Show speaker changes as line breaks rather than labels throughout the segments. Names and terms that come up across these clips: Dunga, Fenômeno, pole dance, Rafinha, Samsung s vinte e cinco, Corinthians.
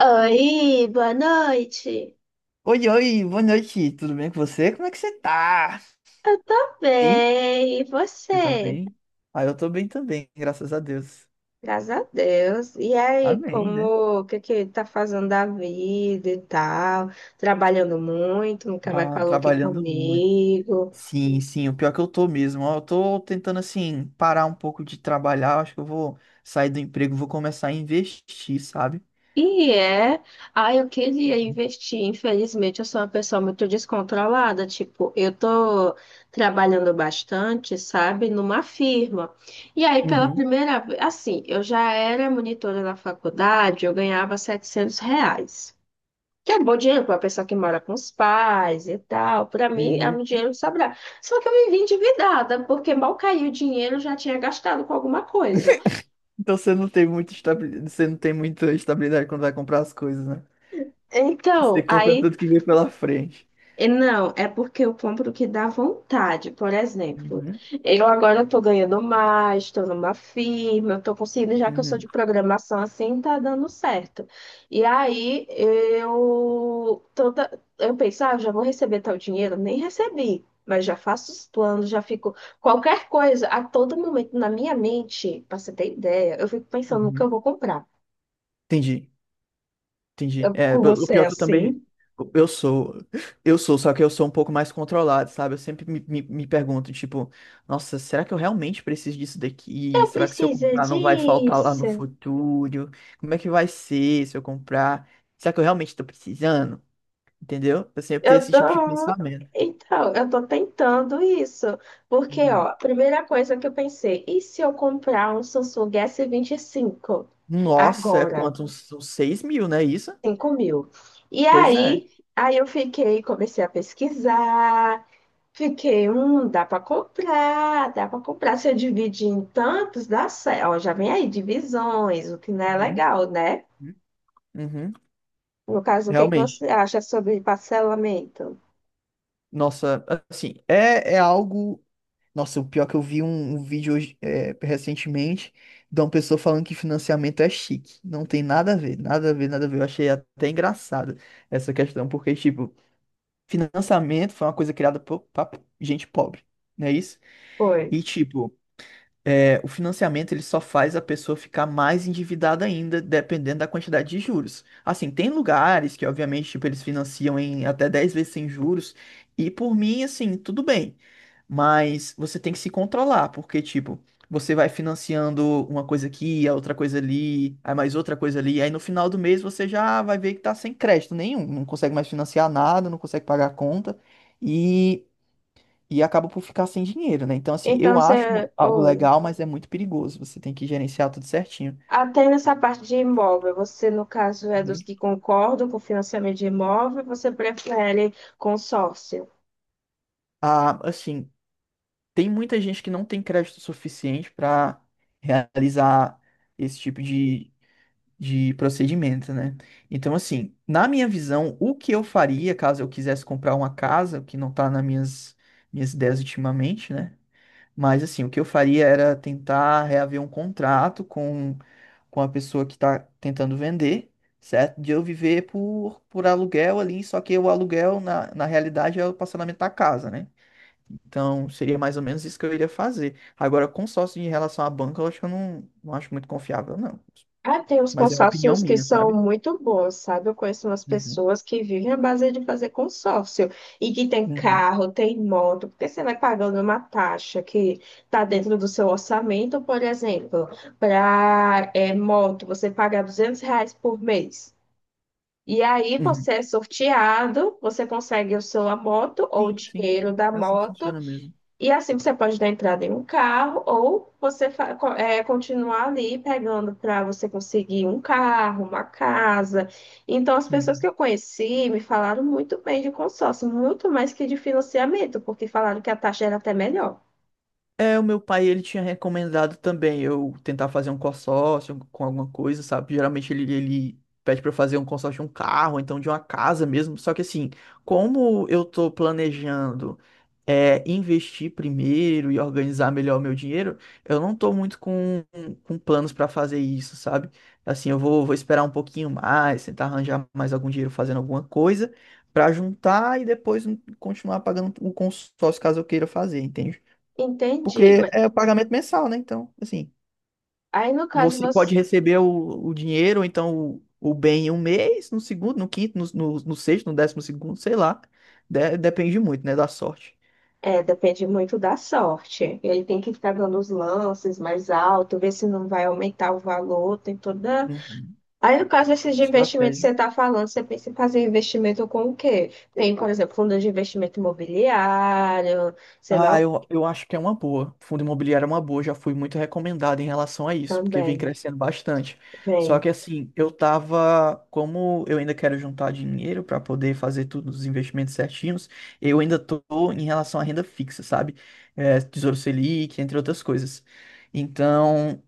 Oi, boa noite.
Oi, oi, boa noite, tudo bem com você? Como é que você tá?
Eu tô
Bem?
bem, e
Você tá
você?
bem? Ah, eu tô bem também, graças a Deus.
Graças a Deus. E aí,
Amém, né?
o que que tá fazendo da vida e tal? Trabalhando muito, nunca mais
Ah,
falou aqui
trabalhando muito.
comigo.
Sim, sim, o pior que eu tô mesmo. Ó, eu tô tentando, assim, parar um pouco de trabalhar. Acho que eu vou sair do emprego, vou começar a investir, sabe?
E é, ah, eu queria investir, infelizmente eu sou uma pessoa muito descontrolada, tipo, eu tô trabalhando bastante, sabe, numa firma. E aí, pela
Uhum,
primeira vez, assim, eu já era monitora na faculdade, eu ganhava R$ 700. Que é bom dinheiro para uma pessoa que mora com os pais e tal. Para mim, é um
uhum.
dinheiro que sobra. Só que eu me vi endividada, porque mal caiu o dinheiro, eu já tinha gastado com alguma coisa.
Então você não tem você não tem muita estabilidade quando vai comprar as coisas, né? Você
Então,
compra
aí
tudo que vem pela frente.
E Não, é porque eu compro o que dá vontade. Por exemplo,
Uhum,
eu agora estou ganhando mais, estou numa firma, estou conseguindo, já que eu sou
uhum,
de programação assim, tá dando certo. E aí eu penso, ah, já vou receber tal dinheiro, nem recebi, mas já faço os planos, já fico qualquer coisa, a todo momento na minha mente, para você ter ideia, eu fico pensando no que eu
uhum.
vou comprar.
Entendi. Entendi.
Eu,
É,
com
o
você
pior
é
é que eu também.
assim,
Eu sou. Eu sou, só que eu sou um pouco mais controlado, sabe? Eu sempre me pergunto, tipo, nossa, será que eu realmente preciso disso daqui?
eu
Será que se eu
preciso
comprar não vai faltar lá no
disso.
futuro? Como é que vai ser se eu comprar? Será que eu realmente tô precisando? Entendeu? Assim, eu sempre tenho
Eu
esse tipo de
tô.
pensamento.
Então, eu tô tentando isso. Porque, ó,
Uhum.
a primeira coisa que eu pensei, e se eu comprar um Samsung S25
Nossa, é
agora?
quanto? Uns 6 mil, né? Isso?
5.000. E
Pois é.
aí, aí eu fiquei, comecei a pesquisar, fiquei, dá para comprar, dá para comprar. Se eu dividir em tantos, dá certo. Ó, já vem aí divisões, o que não é
Uhum.
legal, né?
Uhum.
No caso, o que é que
Realmente.
você acha sobre parcelamento?
Nossa, assim, é algo. Nossa, o pior é que eu vi um vídeo hoje, recentemente, de uma pessoa falando que financiamento é chique. Não tem nada a ver, nada a ver, nada a ver. Eu achei até engraçado essa questão, porque, tipo, financiamento foi uma coisa criada pra gente pobre, não é isso?
Oi.
E, tipo, o financiamento ele só faz a pessoa ficar mais endividada ainda, dependendo da quantidade de juros. Assim, tem lugares que, obviamente, tipo, eles financiam em até 10 vezes sem juros, e por mim, assim, tudo bem. Mas você tem que se controlar, porque, tipo, você vai financiando uma coisa aqui, a outra coisa ali, aí mais outra coisa ali, aí no final do mês você já vai ver que tá sem crédito nenhum, não consegue mais financiar nada, não consegue pagar a conta, e e acaba por ficar sem dinheiro, né? Então, assim, eu
Então,
acho
você.
algo
Oi.
legal, mas é muito perigoso. Você tem que gerenciar tudo certinho.
Até nessa parte de imóvel, você, no caso, é
Uhum.
dos que concordam com o financiamento de imóvel, você prefere consórcio?
Ah, assim, tem muita gente que não tem crédito suficiente para realizar esse tipo de procedimento, né? Então, assim, na minha visão, o que eu faria caso eu quisesse comprar uma casa, o que não tá nas minhas ideias ultimamente, né? Mas assim, o que eu faria era tentar reaver um contrato com a pessoa que está tentando vender, certo? De eu viver por aluguel ali, só que o aluguel, na realidade, é o parcelamento da casa, né? Então, seria mais ou menos isso que eu iria fazer. Agora, consórcio em relação à banca, eu acho que eu não acho muito confiável, não.
Ah, tem uns
Mas é uma opinião
consórcios que
minha,
são
sabe?
muito bons, sabe? Eu conheço umas
Uhum,
pessoas que vivem à base de fazer consórcio e que tem
uhum,
carro, tem moto, porque você vai pagando uma taxa que está dentro do seu orçamento, por exemplo, para moto, você paga R$ 200 por mês. E aí
uhum.
você é sorteado, você consegue o seu a moto ou o
Sim, sim, é
dinheiro da
é assim que
moto,
funciona mesmo.
e assim você pode dar entrada em um carro ou você continuar ali pegando para você conseguir um carro, uma casa. Então as pessoas
Uhum.
que eu conheci me falaram muito bem de consórcio, muito mais que de financiamento, porque falaram que a taxa era até melhor.
É, o meu pai, ele tinha recomendado também eu tentar fazer um consórcio com alguma coisa, sabe? Geralmente ele pede pra eu fazer um consórcio de um carro, então de uma casa mesmo. Só que assim, como eu tô planejando investir primeiro e organizar melhor o meu dinheiro, eu não tô muito com planos pra fazer isso, sabe? Assim, eu vou esperar um pouquinho mais, tentar arranjar mais algum dinheiro fazendo alguma coisa pra juntar e depois continuar pagando o consórcio caso eu queira fazer, entende? Porque
Entendi.
é o pagamento mensal, né? Então, assim,
Aí no caso
você pode
você
receber o dinheiro, ou então o bem em um mês, no segundo, no quinto, no sexto, no décimo segundo, sei lá. Depende muito, né, da sorte.
É, depende muito da sorte. Ele tem que ficar dando os lances mais alto, ver se não vai aumentar o valor, tem toda.
Uhum.
Aí, no caso desses de investimento que você
Estratégia.
está falando, você pensa em fazer investimento com o quê? Tem, por exemplo, fundo de investimento imobiliário, sei lá,
Ah, eu acho que é uma boa. Fundo imobiliário é uma boa, já fui muito recomendado em relação a isso, porque vem
também
crescendo bastante. Só
vem.
que assim, eu tava, como eu ainda quero juntar dinheiro para poder fazer todos os investimentos certinhos, eu ainda tô em relação à renda fixa, sabe? É, Tesouro Selic, entre outras coisas. Então,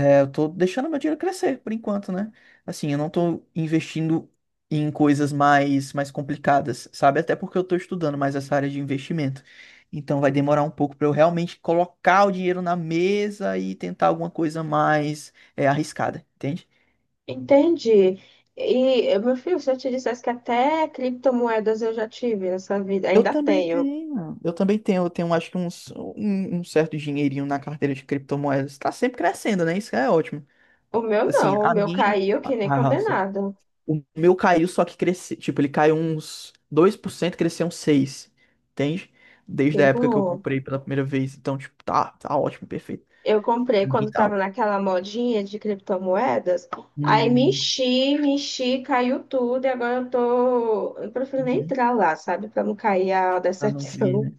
eu tô deixando meu dinheiro crescer por enquanto, né? Assim, eu não tô investindo em coisas mais complicadas, sabe? Até porque eu tô estudando mais essa área de investimento. Então vai demorar um pouco para eu realmente colocar o dinheiro na mesa e tentar alguma coisa mais arriscada, entende?
Entendi. E, meu filho, se eu te dissesse que até criptomoedas eu já tive nessa vida,
Eu
ainda
também
tenho.
tenho, eu também tenho, eu tenho acho que um certo dinheirinho na carteira de criptomoedas. Tá sempre crescendo, né? Isso é ótimo.
O meu
Assim,
não, o
a
meu
minha.
caiu que nem
Ah,
condenado.
o meu caiu, só que cresceu. Tipo, ele caiu uns 2% cresceu uns 6%. Entende? Desde
Que
a época que eu
bom.
comprei pela primeira vez. Então, tipo, tá ótimo, perfeito.
Eu comprei
Pra mim
quando
tá
tava
ótimo.
naquela modinha de criptomoedas. Aí
Hum,
me enchi, caiu tudo. E agora eu tô. Eu prefiro nem
uhum,
entrar lá, sabe? Pra não cair a
pra não vir,
decepção.
né?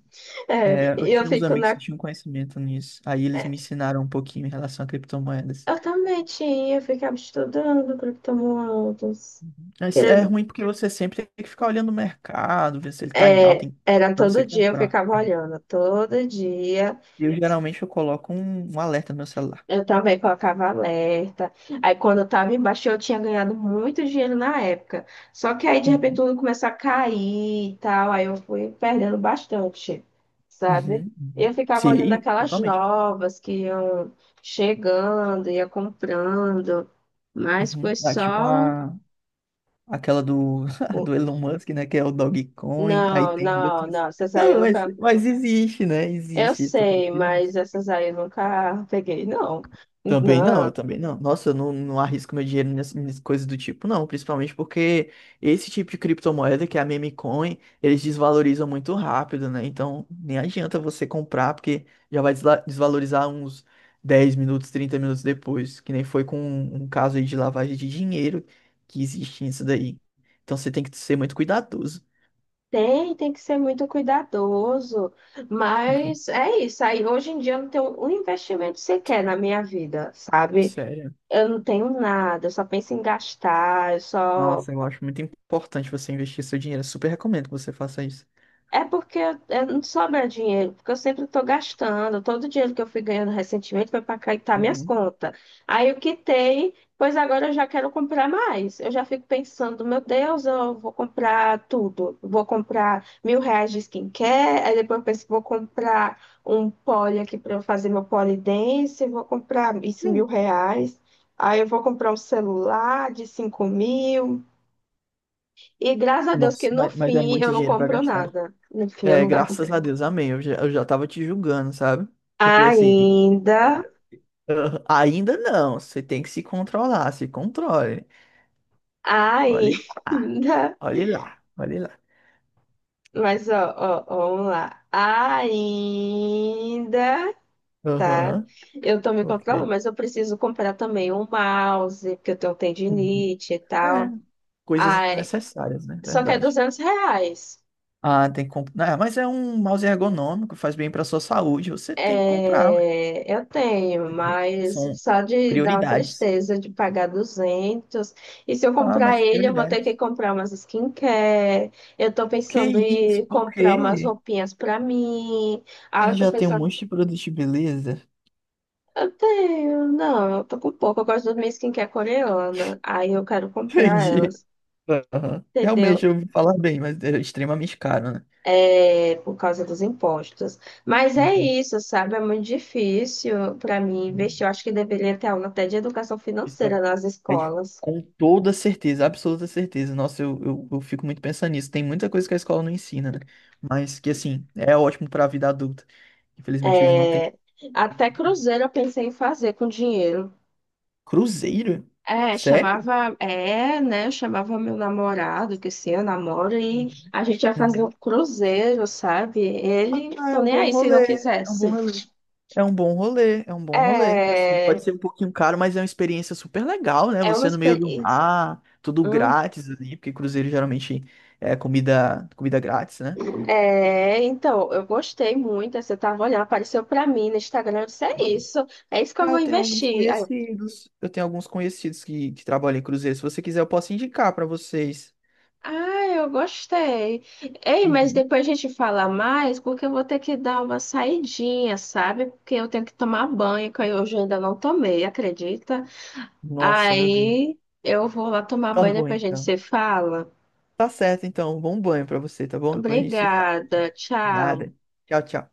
É,
É, eu
e eu
tinha uns
fico
amigos que
na.
tinham conhecimento nisso. Aí eles me
é,
ensinaram um pouquinho em relação a criptomoedas.
Eu também tinha, eu ficava estudando criptomoedas.
Mas
Quer
é
dizer,
ruim porque você sempre tem que ficar olhando o mercado, ver se ele tá em alta
era
pra você
todo dia, eu
comprar.
ficava olhando, todo dia.
Eu geralmente eu coloco um alerta no meu celular.
Eu também colocava alerta. Aí quando eu tava embaixo, eu tinha ganhado muito dinheiro na época. Só que aí de repente
Uhum,
tudo começou a cair e tal. Aí eu fui perdendo bastante, sabe?
uhum,
E
uhum.
eu ficava olhando
Sim,
aquelas
totalmente.
novas que iam chegando, ia comprando. Mas
Uhum.
foi
Ah, tipo
só.
aquela do, do Elon Musk, né? Que é o Dogecoin. Aí
Não,
tem
não,
outros.
não. Essas aí eu
Não, mas,
nunca.
mas existe, né?
Eu
Existe. Tô falando
sei,
que
mas
existe.
essas aí eu nunca peguei, não.
Também não, eu
Não.
também não. Nossa, eu não arrisco meu dinheiro nessas coisas do tipo, não. Principalmente porque esse tipo de criptomoeda, que é a meme coin, eles desvalorizam muito rápido, né? Então, nem adianta você comprar, porque já vai desvalorizar uns 10 minutos, 30 minutos depois. Que nem foi com um caso aí de lavagem de dinheiro que existe nisso daí. Então, você tem que ser muito cuidadoso.
Tem, tem que ser muito cuidadoso,
Uhum.
mas é isso. Aí hoje em dia eu não tenho um investimento sequer na minha vida, sabe?
Sério.
Eu não tenho nada, eu só penso em gastar, eu só.
Nossa, eu acho muito importante você investir seu dinheiro. Eu super recomendo que você faça isso.
É porque eu não sobra dinheiro, porque eu sempre estou gastando. Todo o dinheiro que eu fui ganhando recentemente foi para quitar minhas
Uhum.
contas. Aí eu quitei, pois agora eu já quero comprar mais. Eu já fico pensando, meu Deus, eu vou comprar tudo. Vou comprar R$ 1.000 de skincare, aí depois eu penso, vou comprar um pole aqui para eu fazer meu pole dance, vou comprar isso R$ 1.000. Aí eu vou comprar um celular de 5.000. E graças a Deus que
Nossa,
no
mas é
fim
muito
eu não
dinheiro pra
compro
gastar.
nada. No fim, eu
É,
não gasto.
graças a Deus, amém. Eu já tava te julgando, sabe? Porque assim,
Ainda,
ah, ainda não. Você tem que se controlar, se controle. Olhe lá,
ainda,
olhe lá, olhe lá.
mas ó, ó, ó, vamos lá. Ainda, tá?
Aham,
Eu tô me
ok.
controlando, mas eu preciso comprar também um mouse, porque eu tenho
Uhum.
tendinite e
É,
tal.
coisas
Ai,
necessárias, né?
só que é
Verdade.
R$ 200.
Ah, tem que comprar, mas é um mouse ergonômico, faz bem pra sua saúde. Você tem que comprar, ué,
É, eu tenho,
entendeu?
mas
São
só de dar uma
prioridades.
tristeza de pagar 200. E se eu
Ah,
comprar
mas
ele, eu vou ter que
prioridades.
comprar umas skincare. Eu tô
Que
pensando em
isso? Por
comprar umas
quê?
roupinhas pra mim.
Você
Ah, eu
não
tô
já tem um
pensando,
monte de produto de beleza?
eu tenho, não, eu tô com pouco. Eu gosto das minhas skincare coreana. Aí eu quero comprar
Entendi.
elas,
Aham. Realmente,
entendeu?
eu ouvi falar bem, mas é extremamente caro, né?
É, por causa dos impostos. Mas é
Uhum.
isso, sabe? É muito difícil para mim investir. Eu acho que deveria ter aula até de educação
Isso é
financeira nas
é de-
escolas.
com toda certeza, absoluta certeza. Nossa, eu fico muito pensando nisso. Tem muita coisa que a escola não ensina, né? Mas que, assim, é ótimo para a vida adulta. Infelizmente, eles não têm.
É, até cruzeiro eu pensei em fazer com dinheiro.
Cruzeiro?
É,
Sério?
chamava, né? Eu chamava meu namorado, que sim, eu namoro, e a gente ia fazer um
Uhum.
cruzeiro, sabe? Ele,
Ah, é
tô
um
nem
bom
aí se não
rolê. É um bom
quisesse.
rolê. É um bom rolê, é um bom rolê. Assim,
É,
pode ser um pouquinho caro, mas é uma experiência super legal, né?
é uma
Você no meio do
experiência.
mar, tudo grátis ali, porque cruzeiro geralmente é comida, comida grátis, né?
É, então, eu gostei muito. Você tava olhando, apareceu pra mim no Instagram. Eu disse, é isso que eu
Ah,
vou
eu tenho alguns
investir. Aí eu,
conhecidos. Eu tenho alguns conhecidos que trabalham em cruzeiro. Se você quiser, eu posso indicar pra vocês.
ah, eu gostei. Ei, mas
Uhum.
depois a gente fala mais, porque eu vou ter que dar uma saidinha, sabe? Porque eu tenho que tomar banho, que eu hoje ainda não tomei, acredita?
Nossa, meu Deus.
Aí eu vou lá tomar
Tá
banho,
bom,
depois a gente
então.
se fala.
Tá certo, então. Bom banho pra você, tá bom? Depois a gente se fala.
Obrigada, tchau.
Nada. Tchau, tchau.